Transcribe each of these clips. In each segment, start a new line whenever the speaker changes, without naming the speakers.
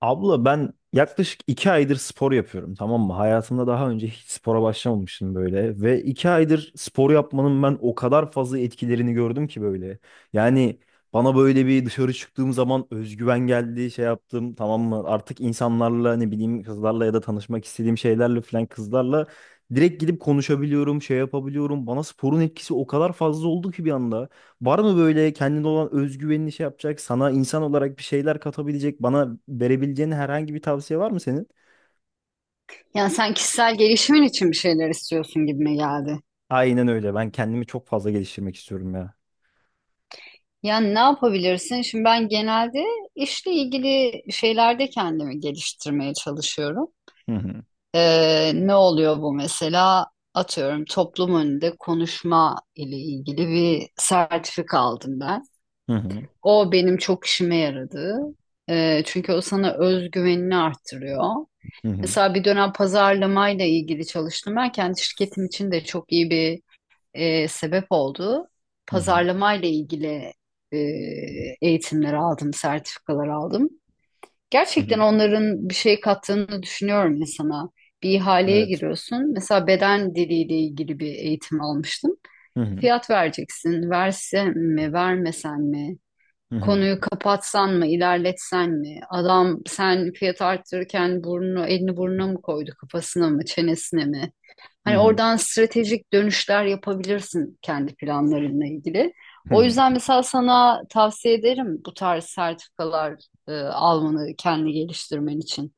Abla ben yaklaşık iki aydır spor yapıyorum, tamam mı? Hayatımda daha önce hiç spora başlamamıştım böyle. Ve iki aydır spor yapmanın ben o kadar fazla etkilerini gördüm ki böyle. Yani bana böyle bir dışarı çıktığım zaman özgüven geldi, şey yaptım, tamam mı? Artık insanlarla ne bileyim, kızlarla ya da tanışmak istediğim şeylerle falan, kızlarla direkt gidip konuşabiliyorum, şey yapabiliyorum. Bana sporun etkisi o kadar fazla oldu ki bir anda. Var mı böyle kendine olan özgüvenini şey yapacak, sana insan olarak bir şeyler katabilecek, bana verebileceğin herhangi bir tavsiye var mı senin?
Yani sen kişisel gelişimin için bir şeyler istiyorsun gibime geldi.
Aynen öyle. Ben kendimi çok fazla geliştirmek istiyorum ya.
Yani ne yapabilirsin? Şimdi ben genelde işle ilgili şeylerde kendimi geliştirmeye çalışıyorum.
Hı hı.
Ne oluyor bu mesela? Atıyorum toplum önünde konuşma ile ilgili bir sertifika aldım ben.
Hı hı.
O benim çok işime yaradı. Çünkü o sana özgüvenini arttırıyor.
Hı hı.
Mesela bir dönem pazarlamayla ilgili çalıştım. Ben kendi şirketim için de çok iyi bir sebep oldu.
Hı hı.
Pazarlamayla ilgili e, eğitimler aldım, sertifikalar aldım.
Hı
Gerçekten
hı.
onların bir şey kattığını düşünüyorum insana. Bir ihaleye
Evet.
giriyorsun. Mesela beden diliyle ilgili bir eğitim almıştım.
Hı hı.
Fiyat vereceksin. Versem mi, vermesen mi?
Hı hı.
Konuyu kapatsan mı, ilerletsen mi? Adam sen fiyat arttırırken burnunu, elini burnuna mı koydu, kafasına mı, çenesine mi?
Hı
Hani
hı.
oradan stratejik dönüşler yapabilirsin kendi planlarınla ilgili.
Hı
O
hı.
yüzden mesela sana tavsiye ederim bu tarz sertifikalar almanı kendi geliştirmen için.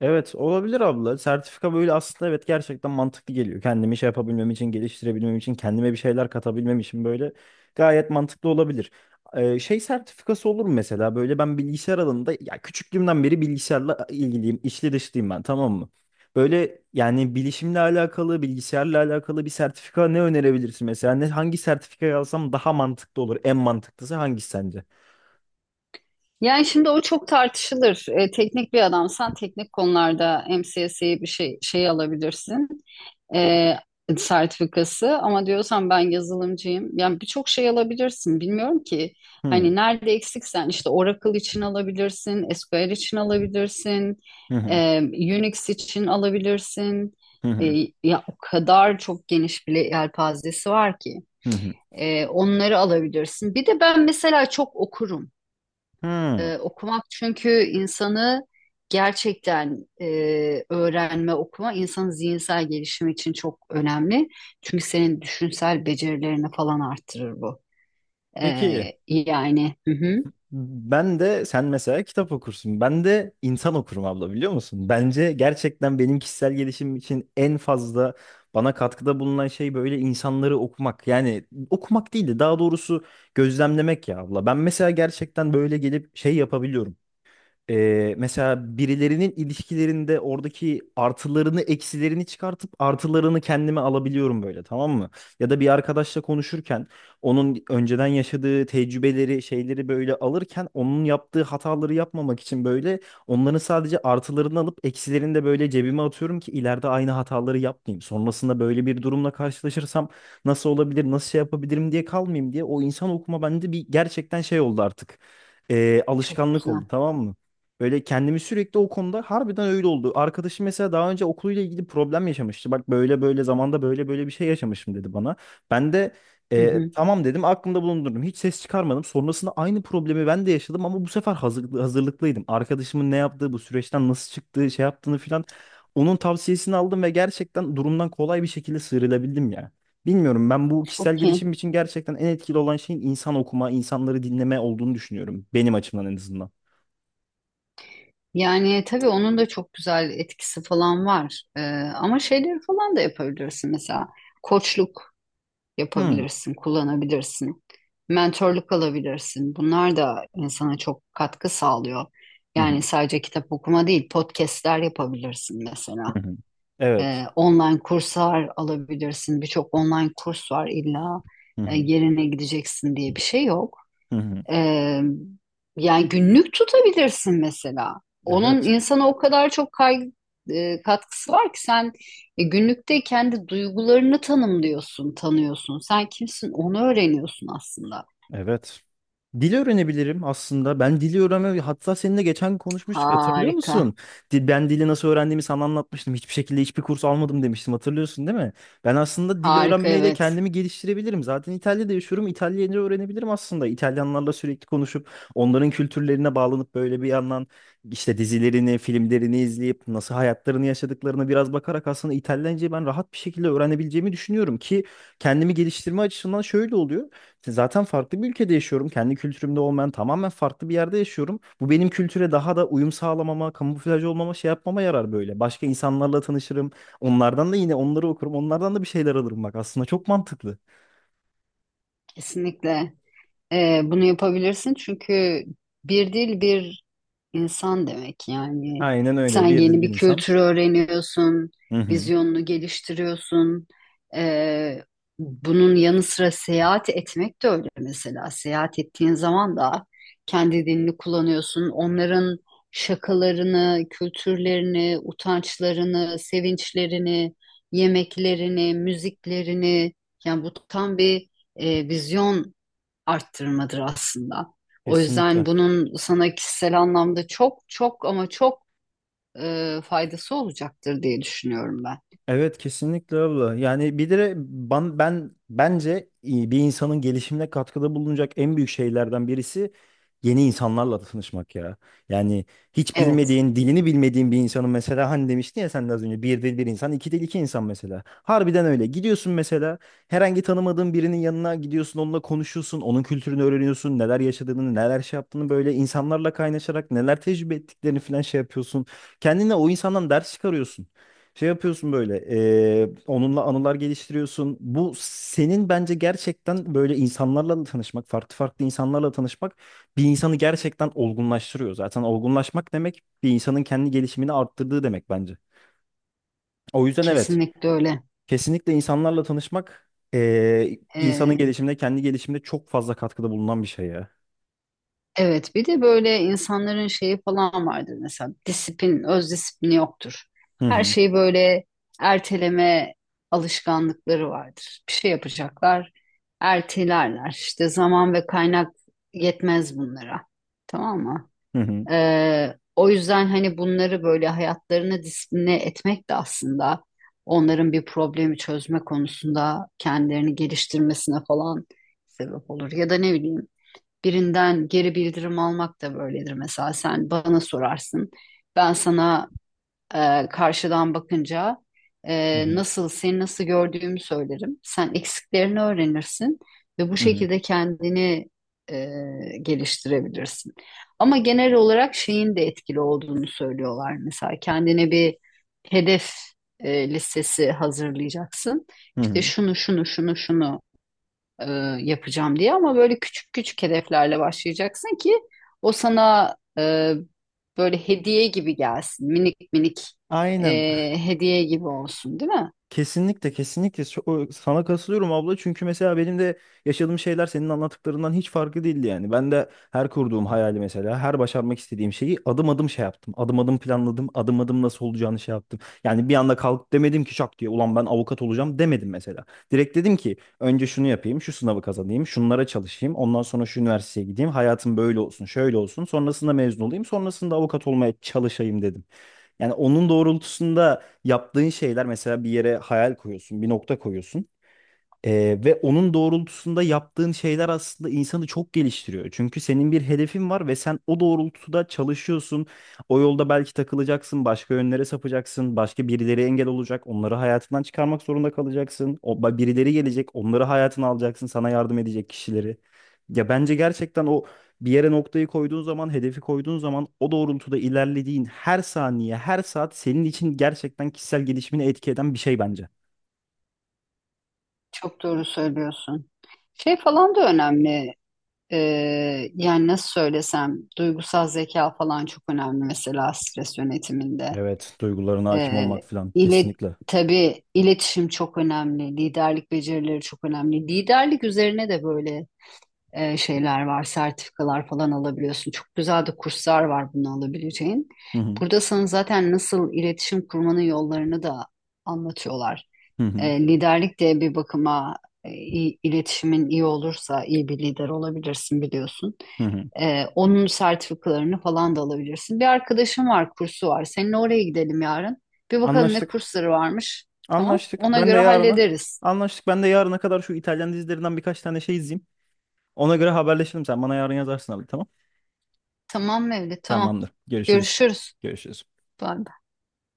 Evet, olabilir abla. Sertifika böyle, aslında evet, gerçekten mantıklı geliyor. Kendimi şey yapabilmem için, geliştirebilmem için, kendime bir şeyler katabilmem için böyle gayet mantıklı olabilir. Şey sertifikası olur mu mesela? Böyle ben bilgisayar alanında, ya küçüklüğümden beri bilgisayarla ilgiliyim, içli dışlıyım ben, tamam mı? Böyle yani bilişimle alakalı, bilgisayarla alakalı bir sertifika ne önerebilirsin mesela? Ne, hangi sertifika alsam daha mantıklı olur? En mantıklısı hangisi sence?
Yani şimdi o çok tartışılır. E, teknik bir adamsan teknik konularda MCSE bir şey alabilirsin. e, Sertifikası ama diyorsan ben yazılımcıyım. Yani birçok şey alabilirsin. Bilmiyorum ki
Hmm.
hani nerede eksiksen işte Oracle için alabilirsin, SQL için alabilirsin,
Hı hı.
Unix için alabilirsin.
Hı
E,
hı.
Ya o kadar çok geniş bir yelpazesi var ki.
Hı hı.
Onları alabilirsin. Bir de ben mesela çok okurum.
Hı.
Okumak çünkü insanı gerçekten öğrenme, okuma insanın zihinsel gelişimi için çok önemli. Çünkü senin düşünsel becerilerini falan arttırır bu.
Peki.
Hı hı,
Ben de sen mesela kitap okursun. Ben de insan okurum abla, biliyor musun? Bence gerçekten benim kişisel gelişim için en fazla bana katkıda bulunan şey böyle insanları okumak. Yani okumak değil de daha doğrusu gözlemlemek ya abla. Ben mesela gerçekten böyle gelip şey yapabiliyorum. Mesela birilerinin ilişkilerinde oradaki artılarını eksilerini çıkartıp artılarını kendime alabiliyorum böyle, tamam mı? Ya da bir arkadaşla konuşurken onun önceden yaşadığı tecrübeleri, şeyleri böyle alırken onun yaptığı hataları yapmamak için böyle onların sadece artılarını alıp eksilerini de böyle cebime atıyorum ki ileride aynı hataları yapmayayım. Sonrasında böyle bir durumla karşılaşırsam nasıl olabilir, nasıl şey yapabilirim diye kalmayayım diye o insan okuma bende bir gerçekten şey oldu artık.
çok
Alışkanlık oldu,
güzel.
tamam mı? Böyle kendimi sürekli o konuda harbiden öyle oldu. Arkadaşım mesela daha önce okuluyla ilgili problem yaşamıştı. Bak böyle böyle zamanda böyle böyle bir şey yaşamışım dedi bana. Ben de
Hı hı,
tamam dedim, aklımda bulundurdum. Hiç ses çıkarmadım. Sonrasında aynı problemi ben de yaşadım ama bu sefer hazırlıklı, hazırlıklıydım. Arkadaşımın ne yaptığı, bu süreçten nasıl çıktığı, şey yaptığını filan. Onun tavsiyesini aldım ve gerçekten durumdan kolay bir şekilde sıyrılabildim ya. Bilmiyorum, ben bu kişisel
çok iyi.
gelişim için gerçekten en etkili olan şeyin insan okuma, insanları dinleme olduğunu düşünüyorum. Benim açımdan en azından.
Yani tabii onun da çok güzel etkisi falan var. Ama şeyleri falan da yapabilirsin mesela. Koçluk
Hmm.
yapabilirsin, kullanabilirsin. Mentorluk alabilirsin. Bunlar da insana çok katkı sağlıyor. Yani sadece kitap okuma değil, podcastler yapabilirsin mesela.
Hı hı. Evet.
Online kurslar alabilirsin. Birçok online kurs var illa
Hı hı.
yerine gideceksin diye bir şey yok.
Hı hı.
Ee, Yani günlük tutabilirsin mesela. Onun
Evet.
insana o kadar çok katkısı var ki sen günlükte kendi duygularını tanımlıyorsun, tanıyorsun. Sen kimsin onu öğreniyorsun aslında.
Evet. Dil öğrenebilirim aslında. Ben dili öğrenme, hatta seninle geçen konuşmuştuk, hatırlıyor
Harika.
musun? Dil, ben dili nasıl öğrendiğimi sana anlatmıştım. Hiçbir şekilde hiçbir kurs almadım demiştim, hatırlıyorsun değil mi? Ben aslında dil
Harika
öğrenmeyle
evet.
kendimi geliştirebilirim. Zaten İtalya'da yaşıyorum. İtalyanca öğrenebilirim aslında. İtalyanlarla sürekli konuşup onların kültürlerine bağlanıp böyle bir yandan işte dizilerini, filmlerini izleyip nasıl hayatlarını yaşadıklarına biraz bakarak aslında İtalyancayı ben rahat bir şekilde öğrenebileceğimi düşünüyorum ki kendimi geliştirme açısından şöyle oluyor. Zaten farklı bir ülkede yaşıyorum. Kendi kültürümde olmayan tamamen farklı bir yerde yaşıyorum. Bu benim kültüre daha da uyum sağlamama, kamuflaj olmama, şey yapmama yarar böyle. Başka insanlarla tanışırım. Onlardan da yine onları okurum. Onlardan da bir şeyler alırım bak. Aslında çok mantıklı.
Kesinlikle. Bunu yapabilirsin çünkü bir dil bir İnsan demek. Yani
Aynen
sen
öyle. Bir dil
yeni
bir
bir
insan.
kültürü öğreniyorsun,
Hı hı.
vizyonunu geliştiriyorsun. Ee, Bunun yanı sıra seyahat etmek de öyle mesela. Seyahat ettiğin zaman da kendi dilini kullanıyorsun. Onların şakalarını, kültürlerini, utançlarını, sevinçlerini, yemeklerini, müziklerini, yani bu tam bir vizyon arttırmadır aslında. O yüzden
Kesinlikle.
bunun sana kişisel anlamda çok çok ama çok faydası olacaktır diye düşünüyorum ben.
Evet, kesinlikle abla. Yani bir de ben bence iyi bir insanın gelişimine katkıda bulunacak en büyük şeylerden birisi yeni insanlarla tanışmak ya. Yani hiç
Evet,
bilmediğin, dilini bilmediğin bir insanın, mesela hani demiştin ya sen de az önce, bir dil bir insan, iki dil iki insan mesela. Harbiden öyle. Gidiyorsun mesela, herhangi tanımadığın birinin yanına gidiyorsun, onunla konuşuyorsun, onun kültürünü öğreniyorsun, neler yaşadığını, neler şey yaptığını, böyle insanlarla kaynaşarak neler tecrübe ettiklerini falan şey yapıyorsun. Kendine o insandan ders çıkarıyorsun. Şey yapıyorsun böyle, onunla anılar geliştiriyorsun. Bu senin bence gerçekten böyle insanlarla da tanışmak, farklı farklı insanlarla tanışmak bir insanı gerçekten olgunlaştırıyor. Zaten olgunlaşmak demek bir insanın kendi gelişimini arttırdığı demek bence. O yüzden evet,
kesinlikle öyle.
kesinlikle insanlarla tanışmak insanın
E,
gelişimine, kendi gelişimine çok fazla katkıda bulunan bir şey ya.
evet, bir de böyle insanların şeyi falan vardır mesela, disiplin, öz disiplini yoktur.
Hı
Her
hı,
şeyi böyle erteleme alışkanlıkları vardır. Bir şey yapacaklar, ertelerler. İşte zaman ve kaynak yetmez bunlara. Tamam mı?
hı hı,
O yüzden hani bunları böyle hayatlarını disipline etmek de aslında onların bir problemi çözme konusunda kendilerini geliştirmesine falan sebep olur. Ya da ne bileyim, birinden geri bildirim almak da böyledir. Mesela sen bana sorarsın, ben sana karşıdan bakınca
hı hı,
nasıl gördüğümü söylerim. Sen eksiklerini öğrenirsin ve bu
hı hı,
şekilde kendini e, geliştirebilirsin. Ama genel olarak şeyin de etkili olduğunu söylüyorlar. Mesela kendine bir hedef listesi hazırlayacaksın.
hı
İşte
hı.
şunu şunu şunu şunu e, yapacağım diye, ama böyle küçük küçük hedeflerle başlayacaksın ki o sana böyle hediye gibi gelsin. Minik minik e,
Aynen.
hediye gibi olsun, değil mi?
Kesinlikle, kesinlikle. Sana katılıyorum abla çünkü mesela benim de yaşadığım şeyler senin anlattıklarından hiç farklı değildi yani. Ben de her kurduğum hayali, mesela her başarmak istediğim şeyi adım adım şey yaptım. Adım adım planladım. Adım adım nasıl olacağını şey yaptım. Yani bir anda kalkıp demedim ki şak diye ulan ben avukat olacağım demedim mesela. Direkt dedim ki önce şunu yapayım, şu sınavı kazanayım, şunlara çalışayım, ondan sonra şu üniversiteye gideyim, hayatım böyle olsun, şöyle olsun, sonrasında mezun olayım, sonrasında avukat olmaya çalışayım dedim. Yani onun doğrultusunda yaptığın şeyler, mesela bir yere hayal koyuyorsun, bir nokta koyuyorsun. Ve onun doğrultusunda yaptığın şeyler aslında insanı çok geliştiriyor. Çünkü senin bir hedefin var ve sen o doğrultuda çalışıyorsun. O yolda belki takılacaksın, başka yönlere sapacaksın, başka birileri engel olacak, onları hayatından çıkarmak zorunda kalacaksın. Birileri gelecek, onları hayatına alacaksın, sana yardım edecek kişileri. Ya bence gerçekten o, bir yere noktayı koyduğun zaman, hedefi koyduğun zaman o doğrultuda ilerlediğin her saniye, her saat senin için gerçekten kişisel gelişimini etki eden bir şey bence.
Çok doğru söylüyorsun. Şey falan da önemli. E, Yani nasıl söylesem, duygusal zeka falan çok önemli mesela stres yönetiminde.
Evet, duygularına hakim
E,
olmak falan
ile
kesinlikle.
Tabii iletişim çok önemli, liderlik becerileri çok önemli. Liderlik üzerine de böyle şeyler var, sertifikalar falan alabiliyorsun. Çok güzel de kurslar var bunu alabileceğin.
Hı hı,
Burada sana zaten nasıl iletişim kurmanın yollarını da anlatıyorlar.
hı hı,
E, liderlik de bir bakıma iletişimin iyi olursa iyi bir lider olabilirsin biliyorsun.
hı hı.
Onun sertifikalarını falan da alabilirsin. Bir arkadaşım var, kursu var. Seninle oraya gidelim yarın. Bir bakalım ne
Anlaştık.
kursları varmış. Tamam.
Anlaştık.
Ona
Ben de
göre
yarına.
hallederiz.
Anlaştık. Ben de yarına kadar şu İtalyan dizilerinden birkaç tane şey izleyeyim. Ona göre haberleşelim. Sen bana yarın yazarsın abi, tamam.
Tamam Mevlüt, tamam.
Tamamdır. Görüşürüz.
Görüşürüz.
Görüşürüz.
Bye.